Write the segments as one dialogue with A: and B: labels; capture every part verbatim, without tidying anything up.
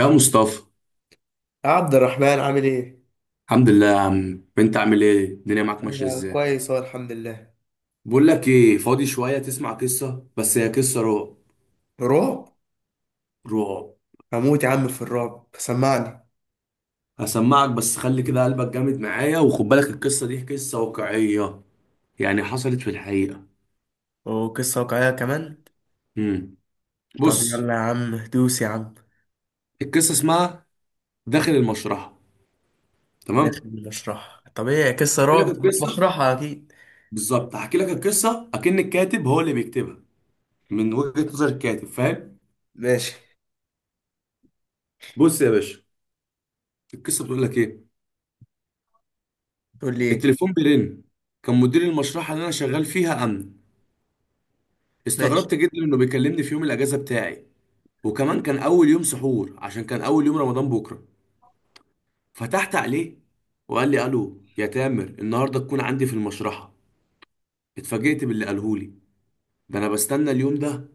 A: يا مصطفى،
B: عبد الرحمن عامل ايه؟
A: الحمد لله يا عم. انت عامل ايه؟ الدنيا معاك ماشيه
B: انا
A: ازاي؟
B: كويس اهو الحمد لله.
A: بقول لك ايه، فاضي شويه تسمع قصه؟ بس هي قصه رعب.
B: رعب؟
A: رعب.
B: هموت يا عم في الرعب، سمعني.
A: هسمعك بس خلي كده قلبك جامد معايا، وخد بالك القصه دي قصه واقعيه، يعني حصلت في الحقيقه.
B: وقصة واقعية كمان؟
A: امم
B: طب
A: بص.
B: يلا يا عم دوس يا عم.
A: القصه اسمها داخل المشرحه. تمام.
B: داخل المشرحة طبيعي، قصة
A: احكي لك
B: رعب تبقى في
A: القصه
B: مشرحة أكيد.
A: بالظبط، هحكي لك القصه اكن الكاتب هو اللي بيكتبها، من وجهه نظر الكاتب. فاهم؟
B: ماشي.
A: بص يا باشا، القصه بتقول لك ايه.
B: تقول لي ايه؟
A: التليفون بيرن. كان مدير المشرحة اللي أنا شغال فيها أمن.
B: ماشي.
A: استغربت جدا إنه بيكلمني في يوم الأجازة بتاعي، وكمان كان أول يوم سحور عشان كان أول يوم رمضان بكرة. فتحت عليه، وقال لي: ألو يا تامر، النهاردة تكون عندي في المشرحة. اتفاجئت باللي قالهولي. ده أنا بستنى اليوم ده!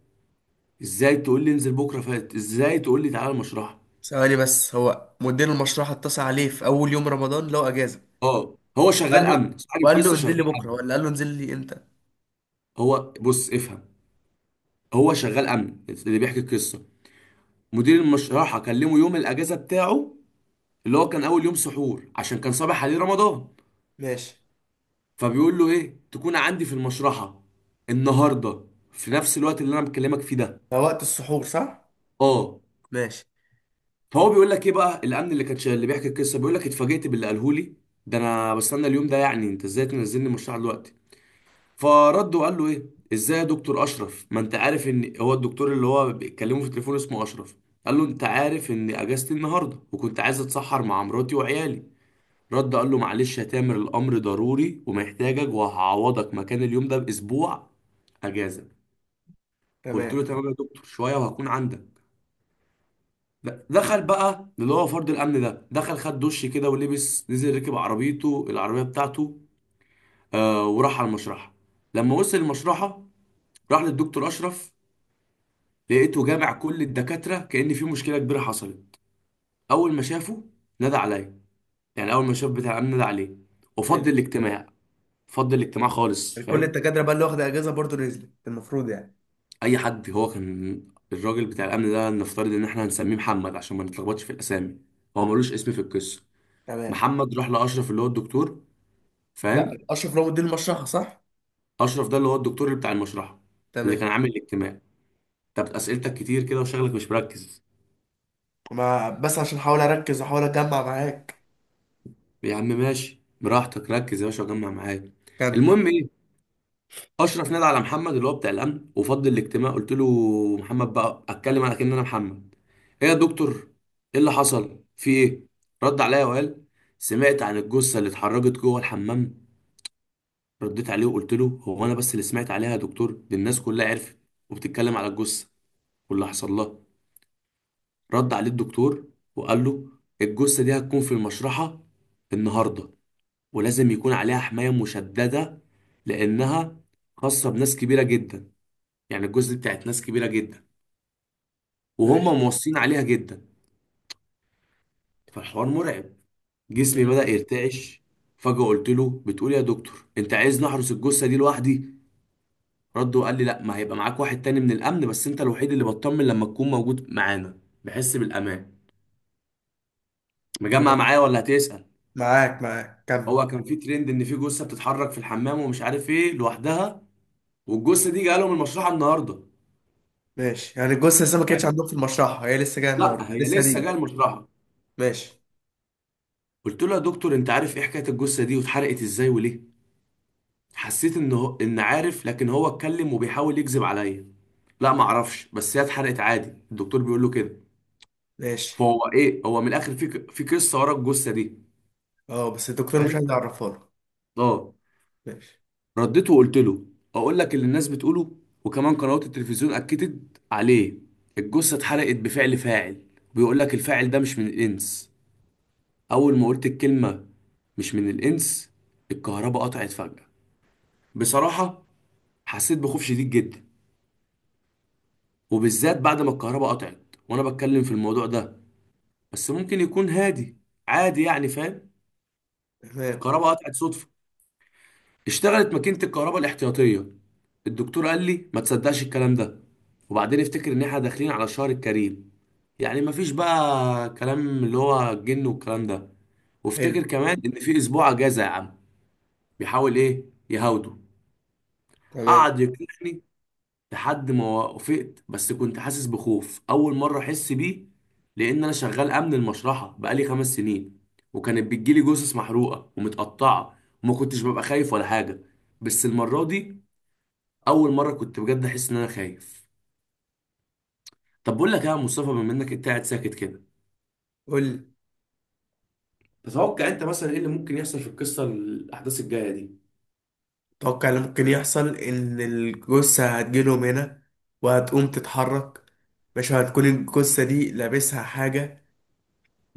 A: إزاي تقول لي انزل بكرة فات؟ إزاي تقول لي تعالى المشرحة؟
B: ثواني بس، هو مدير المشرحة اتصل عليه في أول يوم رمضان لو أجازة؟
A: آه، هو
B: قال
A: شغال
B: له
A: أمن، صاحب
B: وقال له
A: القصة
B: انزل لي
A: شغال
B: بكرة،
A: أمن.
B: ولا قال له انزل لي امتى؟
A: هو بص، افهم. هو شغال أمن اللي بيحكي القصة. مدير المشرحة كلمه يوم الأجازة بتاعه، اللي هو كان اول يوم سحور عشان كان صباح عليه رمضان.
B: ماشي.
A: فبيقول له ايه، تكون عندي في المشرحه النهارده، في نفس الوقت اللي انا بكلمك فيه ده.
B: ده وقت السحور صح؟
A: اه.
B: ماشي.
A: فهو بيقول لك ايه بقى، الامن اللي كان شا- اللي بيحكي القصه بيقول لك: اتفاجئت باللي قاله لي، ده انا بستنى اليوم ده، يعني انت ازاي تنزلني المشرحه دلوقتي؟ فرد وقال له ايه، ازاي يا دكتور اشرف؟ ما انت عارف ان، هو الدكتور اللي هو بيتكلمه في التليفون اسمه اشرف. قال له: انت عارف ان اجازتي النهارده، وكنت عايز اتسحر مع مراتي وعيالي. رد قال له: معلش يا تامر الامر ضروري ومحتاجك، وهعوضك مكان اليوم ده باسبوع اجازه. قلت
B: تمام.
A: له: تمام يا دكتور، شويه وهكون عندك. د- دخل بقى، اللي هو فرد الامن ده دخل خد دش كده ولبس، نزل ركب عربيته، العربيه بتاعته، آه، وراح على المشرحه. لما وصل المشرحه راح للدكتور اشرف، لقيته جامع كل الدكاتره كأن في مشكله كبيره حصلت. اول ما شافه نادى عليا، يعني اول ما شاف بتاع الامن نادى عليه، وفضل
B: حلو.
A: الاجتماع. فضل الاجتماع خالص.
B: كل
A: فاهم؟
B: الدكاتره بقى اللي واخده اجازه برضه نزلت المفروض يعني.
A: اي حد، هو كان، الراجل بتاع الامن ده نفترض ان احنا هنسميه محمد عشان ما نتلخبطش في الاسامي، هو ملوش اسم في القصه.
B: تمام.
A: محمد راح لاشرف اللي هو الدكتور.
B: لا
A: فاهم؟
B: اشرف رام الدين مشرحه صح؟
A: اشرف ده اللي هو الدكتور اللي بتاع المشرحه، اللي
B: تمام.
A: كان عامل الاجتماع. طب اسئلتك كتير كده وشغلك مش مركز.
B: ما بس عشان احاول اركز واحاول اجمع معاك.
A: يا عم ماشي براحتك، ركز يا باشا وجمع معايا.
B: كمل.
A: المهم ايه، اشرف نادى على محمد اللي هو بتاع الامن، وفضل الاجتماع، قلت له محمد بقى، اتكلم على كأن انا محمد: ايه يا دكتور؟ ايه اللي حصل؟ في ايه؟ رد عليا وقال: سمعت عن الجثه اللي اتحرجت جوه الحمام؟ رديت عليه وقلت له: هو انا بس اللي سمعت عليها يا دكتور؟ دي الناس كلها عرفت وبتتكلم على الجثه واللي حصل لها. رد عليه الدكتور وقال له: الجثه دي هتكون في المشرحه النهارده، ولازم يكون عليها حمايه مشدده، لانها خاصه بناس كبيره جدا، يعني الجثه دي بتاعت ناس كبيره جدا، وهم
B: ماشي.
A: موصين عليها جدا. فالحوار مرعب، جسمي
B: مم.
A: بدأ يرتعش. فجأة قلت له: بتقول يا دكتور انت عايز نحرس الجثة دي لوحدي؟ رد وقال لي: لا، ما هيبقى معاك واحد تاني من الأمن، بس انت الوحيد اللي بطمن لما تكون موجود معانا، بحس بالأمان. مجمع
B: تمام.
A: معايا ولا هتسأل؟
B: معاك معاك، كمل.
A: هو كان في ترند ان في جثة بتتحرك في الحمام ومش عارف ايه لوحدها، والجثة دي جالهم المشرحة النهاردة.
B: ماشي، يعني الجثه لسه ما كانتش عندهم في المشرحه، هي لسه جايه
A: لا،
B: النهارده
A: هي
B: لسه
A: لسه جايه
B: هتيجي.
A: المشرحة.
B: ماشي.
A: قلت له: يا دكتور، انت عارف ايه حكاية الجثة دي واتحرقت ازاي وليه؟ حسيت ان هو ان عارف، لكن هو اتكلم وبيحاول يكذب عليا: لا ما اعرفش، بس هي اتحرقت عادي. الدكتور بيقول له كده.
B: ماشي.
A: فهو ايه، هو من الاخر في ك- في قصه ورا الجثه دي.
B: اه بس الدكتور مش
A: فاهم؟
B: عايز يعرفها له.
A: اه.
B: ماشي.
A: رديت وقلت له: اقول لك اللي الناس بتقوله، وكمان قنوات التلفزيون اكدت عليه، الجثه اتحرقت بفعل فاعل. بيقول لك الفاعل ده مش من الانس. اول ما قلت الكلمه مش من الانس، الكهرباء قطعت فجاه. بصراحه حسيت بخوف شديد جدا، وبالذات بعد ما الكهرباء قطعت وانا بتكلم في الموضوع ده. بس ممكن يكون هادي عادي يعني. فاهم؟
B: تمام.
A: الكهرباء قطعت صدفة، اشتغلت ماكينة الكهرباء الاحتياطية. الدكتور قال لي: ما تصدقش الكلام ده، وبعدين افتكر ان احنا داخلين على الشهر الكريم، يعني مفيش بقى كلام اللي هو الجن والكلام ده.
B: حلو.
A: وافتكر كمان ان في اسبوع اجازة يا عم. بيحاول ايه، يهاوده.
B: تمام.
A: قعد يقنعني لحد ما وافقت، بس كنت حاسس بخوف اول مره احس بيه، لان انا شغال امن المشرحه بقالي خمس سنين، وكانت بتجيلي جثث محروقه ومتقطعه، وما كنتش ببقى خايف ولا حاجه. بس المره دي اول مره كنت بجد احس ان انا خايف. طب بقول لك إيه يا مصطفى، بما انك انت قاعد ساكت كده،
B: قول لي،
A: تتوقع انت مثلا ايه اللي ممكن يحصل في القصه، الاحداث الجايه دي؟
B: اتوقع اللي ممكن يحصل ان الجثة هتجيلهم هنا وهتقوم تتحرك. مش هتكون الجثة دي لابسها حاجة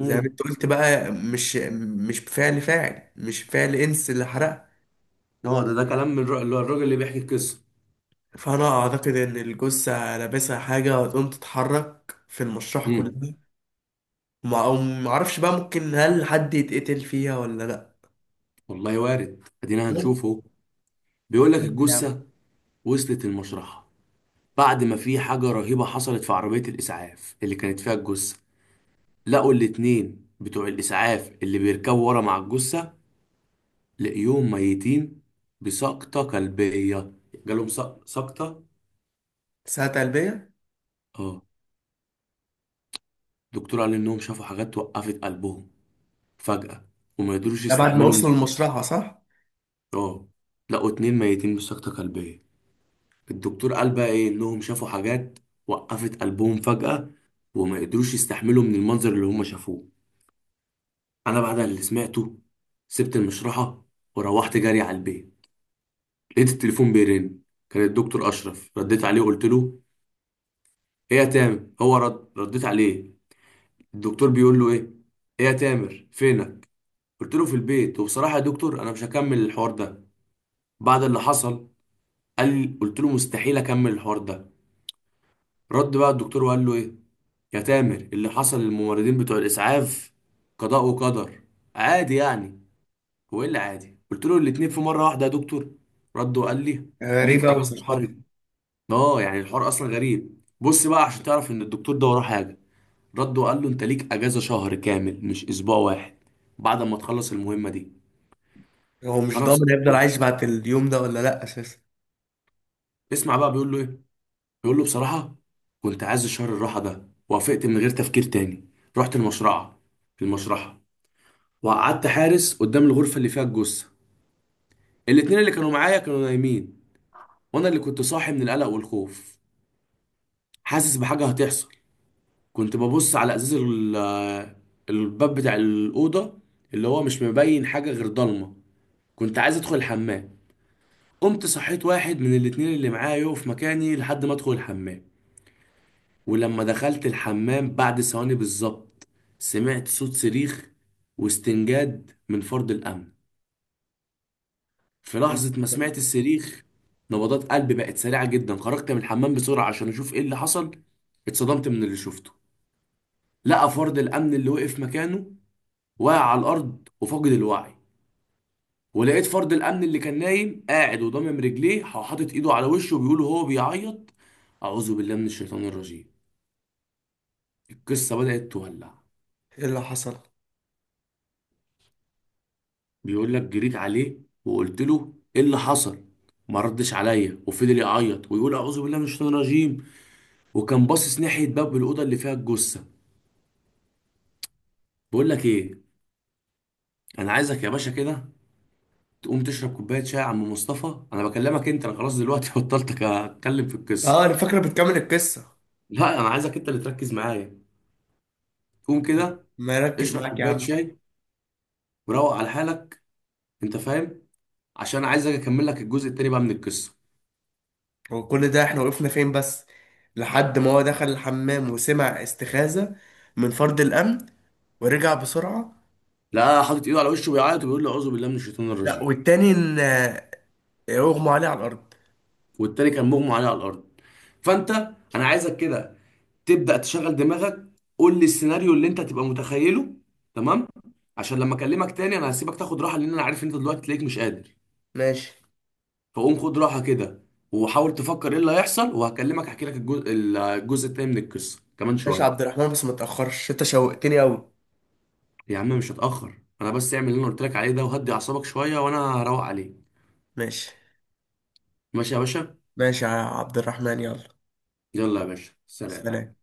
B: زي ما انت قلت بقى؟ مش مش فعل فاعل، مش فعل انس اللي حرقها.
A: اه، ده ده كلام من الر- اللي هو الراجل اللي بيحكي القصه.
B: فانا اعتقد ان الجثة لابسها حاجة وهتقوم تتحرك في المشرحة كلها.
A: امم
B: ما معرفش بقى، ممكن هل حد يتقتل فيها ولا لا؟
A: والله وارد، ادينا
B: ممكن
A: هنشوفه. بيقول لك
B: يعني.
A: الجثه وصلت المشرحه بعد ما في حاجة رهيبة حصلت في عربية الإسعاف اللي كانت فيها الجثة. لقوا الاتنين بتوع الإسعاف اللي بيركبوا ورا مع الجثة، لقيوهم ميتين بسقطة قلبية. جالهم سق- سقطة.
B: ساعة قلبية.
A: اه. دكتور قال إنهم شافوا حاجات وقفت قلبهم فجأة، وما يقدروش
B: ده بعد ما
A: يستحملوا من،
B: وصلوا المشرحة صح؟
A: اه. لقوا اتنين ميتين بسقطة قلبية. الدكتور قال بقى إيه، إنهم شافوا حاجات وقفت قلبهم فجأة، وما يقدروش يستحملوا من المنظر اللي هم شافوه. انا بعد اللي سمعته سبت المشرحه، وروحت جري على البيت. لقيت التليفون بيرن، كان الدكتور اشرف. رديت عليه قلت له: ايه يا تامر؟ هو رد، رديت عليه، الدكتور بيقول له ايه: ايه يا تامر، فينك؟ قلت له: في البيت، وبصراحه يا دكتور انا مش هكمل الحوار ده بعد اللي حصل. قال لي، قلت له: مستحيل اكمل الحوار ده. رد بقى الدكتور وقال له ايه: يا تامر، اللي حصل للممرضين بتوع الاسعاف قضاء وقدر، عادي يعني. هو ايه اللي عادي؟ قلت له: الاتنين في مره واحده يا دكتور؟ رد وقال لي:
B: غريبة
A: ليك
B: أوي
A: اجازه
B: صراحة.
A: شهرين. اه، يعني الحوار اصلا غريب، بص بقى عشان تعرف ان الدكتور ده وراه حاجه. رد وقال له: انت ليك اجازه شهر كامل، مش اسبوع واحد، بعد ما تخلص المهمه دي.
B: هو مش
A: فانا
B: ضامن
A: بصراحه
B: هيفضل
A: كنت-
B: عايش بعد اليوم ده ولا لا اساسا؟
A: اسمع بقى بيقول له ايه، بيقول له: بصراحه كنت عايز الشهر الراحه ده، وافقت من غير تفكير تاني. رحت المشرعه. في المشرحه وقعدت حارس قدام الغرفه اللي فيها الجثه. الاتنين اللي كانوا معايا كانوا نايمين، وانا اللي كنت صاحي من القلق والخوف، حاسس بحاجة هتحصل. كنت ببص على ازاز ال- الباب بتاع الأوضة، اللي هو مش مبين حاجة غير ضلمة. كنت عايز ادخل الحمام، قمت صحيت واحد من الاتنين اللي معايا يقف مكاني لحد ما ادخل الحمام. ولما دخلت الحمام بعد ثواني بالظبط، سمعت صوت صريخ واستنجاد من فرد الأمن. في لحظة ما سمعت الصريخ، نبضات قلبي بقت سريعة جدا، خرجت من الحمام بسرعة عشان أشوف إيه اللي حصل. اتصدمت من اللي شفته، لقى فرد الأمن اللي وقف مكانه واقع على الارض وفاقد الوعي، ولقيت فرد الامن اللي كان نايم قاعد وضامم رجليه وحاطط ايده على وشه، وبيقول وهو بيعيط: اعوذ بالله من الشيطان الرجيم. القصه بدات تولع.
B: ايه اللي حصل؟
A: بيقول لك: جريت عليه وقلت له ايه اللي حصل، ما ردش عليا وفضل يعيط ويقول: اعوذ بالله من الشيطان الرجيم. وكان باصص ناحيه باب الاوضه اللي فيها الجثه. بقول لك ايه، انا عايزك يا باشا كده تقوم تشرب كوبايه شاي يا عم مصطفى، انا بكلمك انت، انا خلاص دلوقتي بطلت اتكلم في القصه.
B: اه انا فاكره، بتكمل القصه.
A: لا، انا عايزك انت اللي تركز معايا. قوم
B: طب
A: كده
B: ما يركز
A: اشرب
B: معاك يا
A: كوبايه
B: عم.
A: شاي، وروق على حالك. انت فاهم؟ عشان عايز اجي اكمل لك الجزء التاني بقى من القصه.
B: هو كل ده احنا وقفنا فين بس؟ لحد ما هو دخل الحمام وسمع استخاذه من فرد الامن ورجع بسرعه.
A: لا، حاطط ايده على وشه بيعيط وبيقول لي: اعوذ بالله من الشيطان
B: لا،
A: الرجيم.
B: والتاني ان آه، اغمى عليه على الارض.
A: والتاني كان مغمى عليه على الارض. فانت، انا عايزك كده تبدا تشغل دماغك، قول لي السيناريو اللي انت هتبقى متخيله. تمام؟ عشان لما اكلمك تاني انا هسيبك تاخد راحه، لان انا عارف انت دلوقتي تلاقيك مش قادر.
B: ماشي.
A: فقوم خد راحه كده، وحاول تفكر ايه اللي هيحصل، وهكلمك احكي لك الجزء الجزء التاني من القصه كمان
B: ماشي يا
A: شويه.
B: عبد الرحمن، بس ما تاخرش انت شوقتني قوي.
A: يا عم مش هتأخر، انا بس اعمل اللي انا قلت لك عليه ده، وهدي اعصابك شوية، وانا هروق عليك.
B: ماشي.
A: ماشي يا باشا،
B: ماشي يا عبد الرحمن، يلا.
A: يلا يا باشا، سلام.
B: سلام.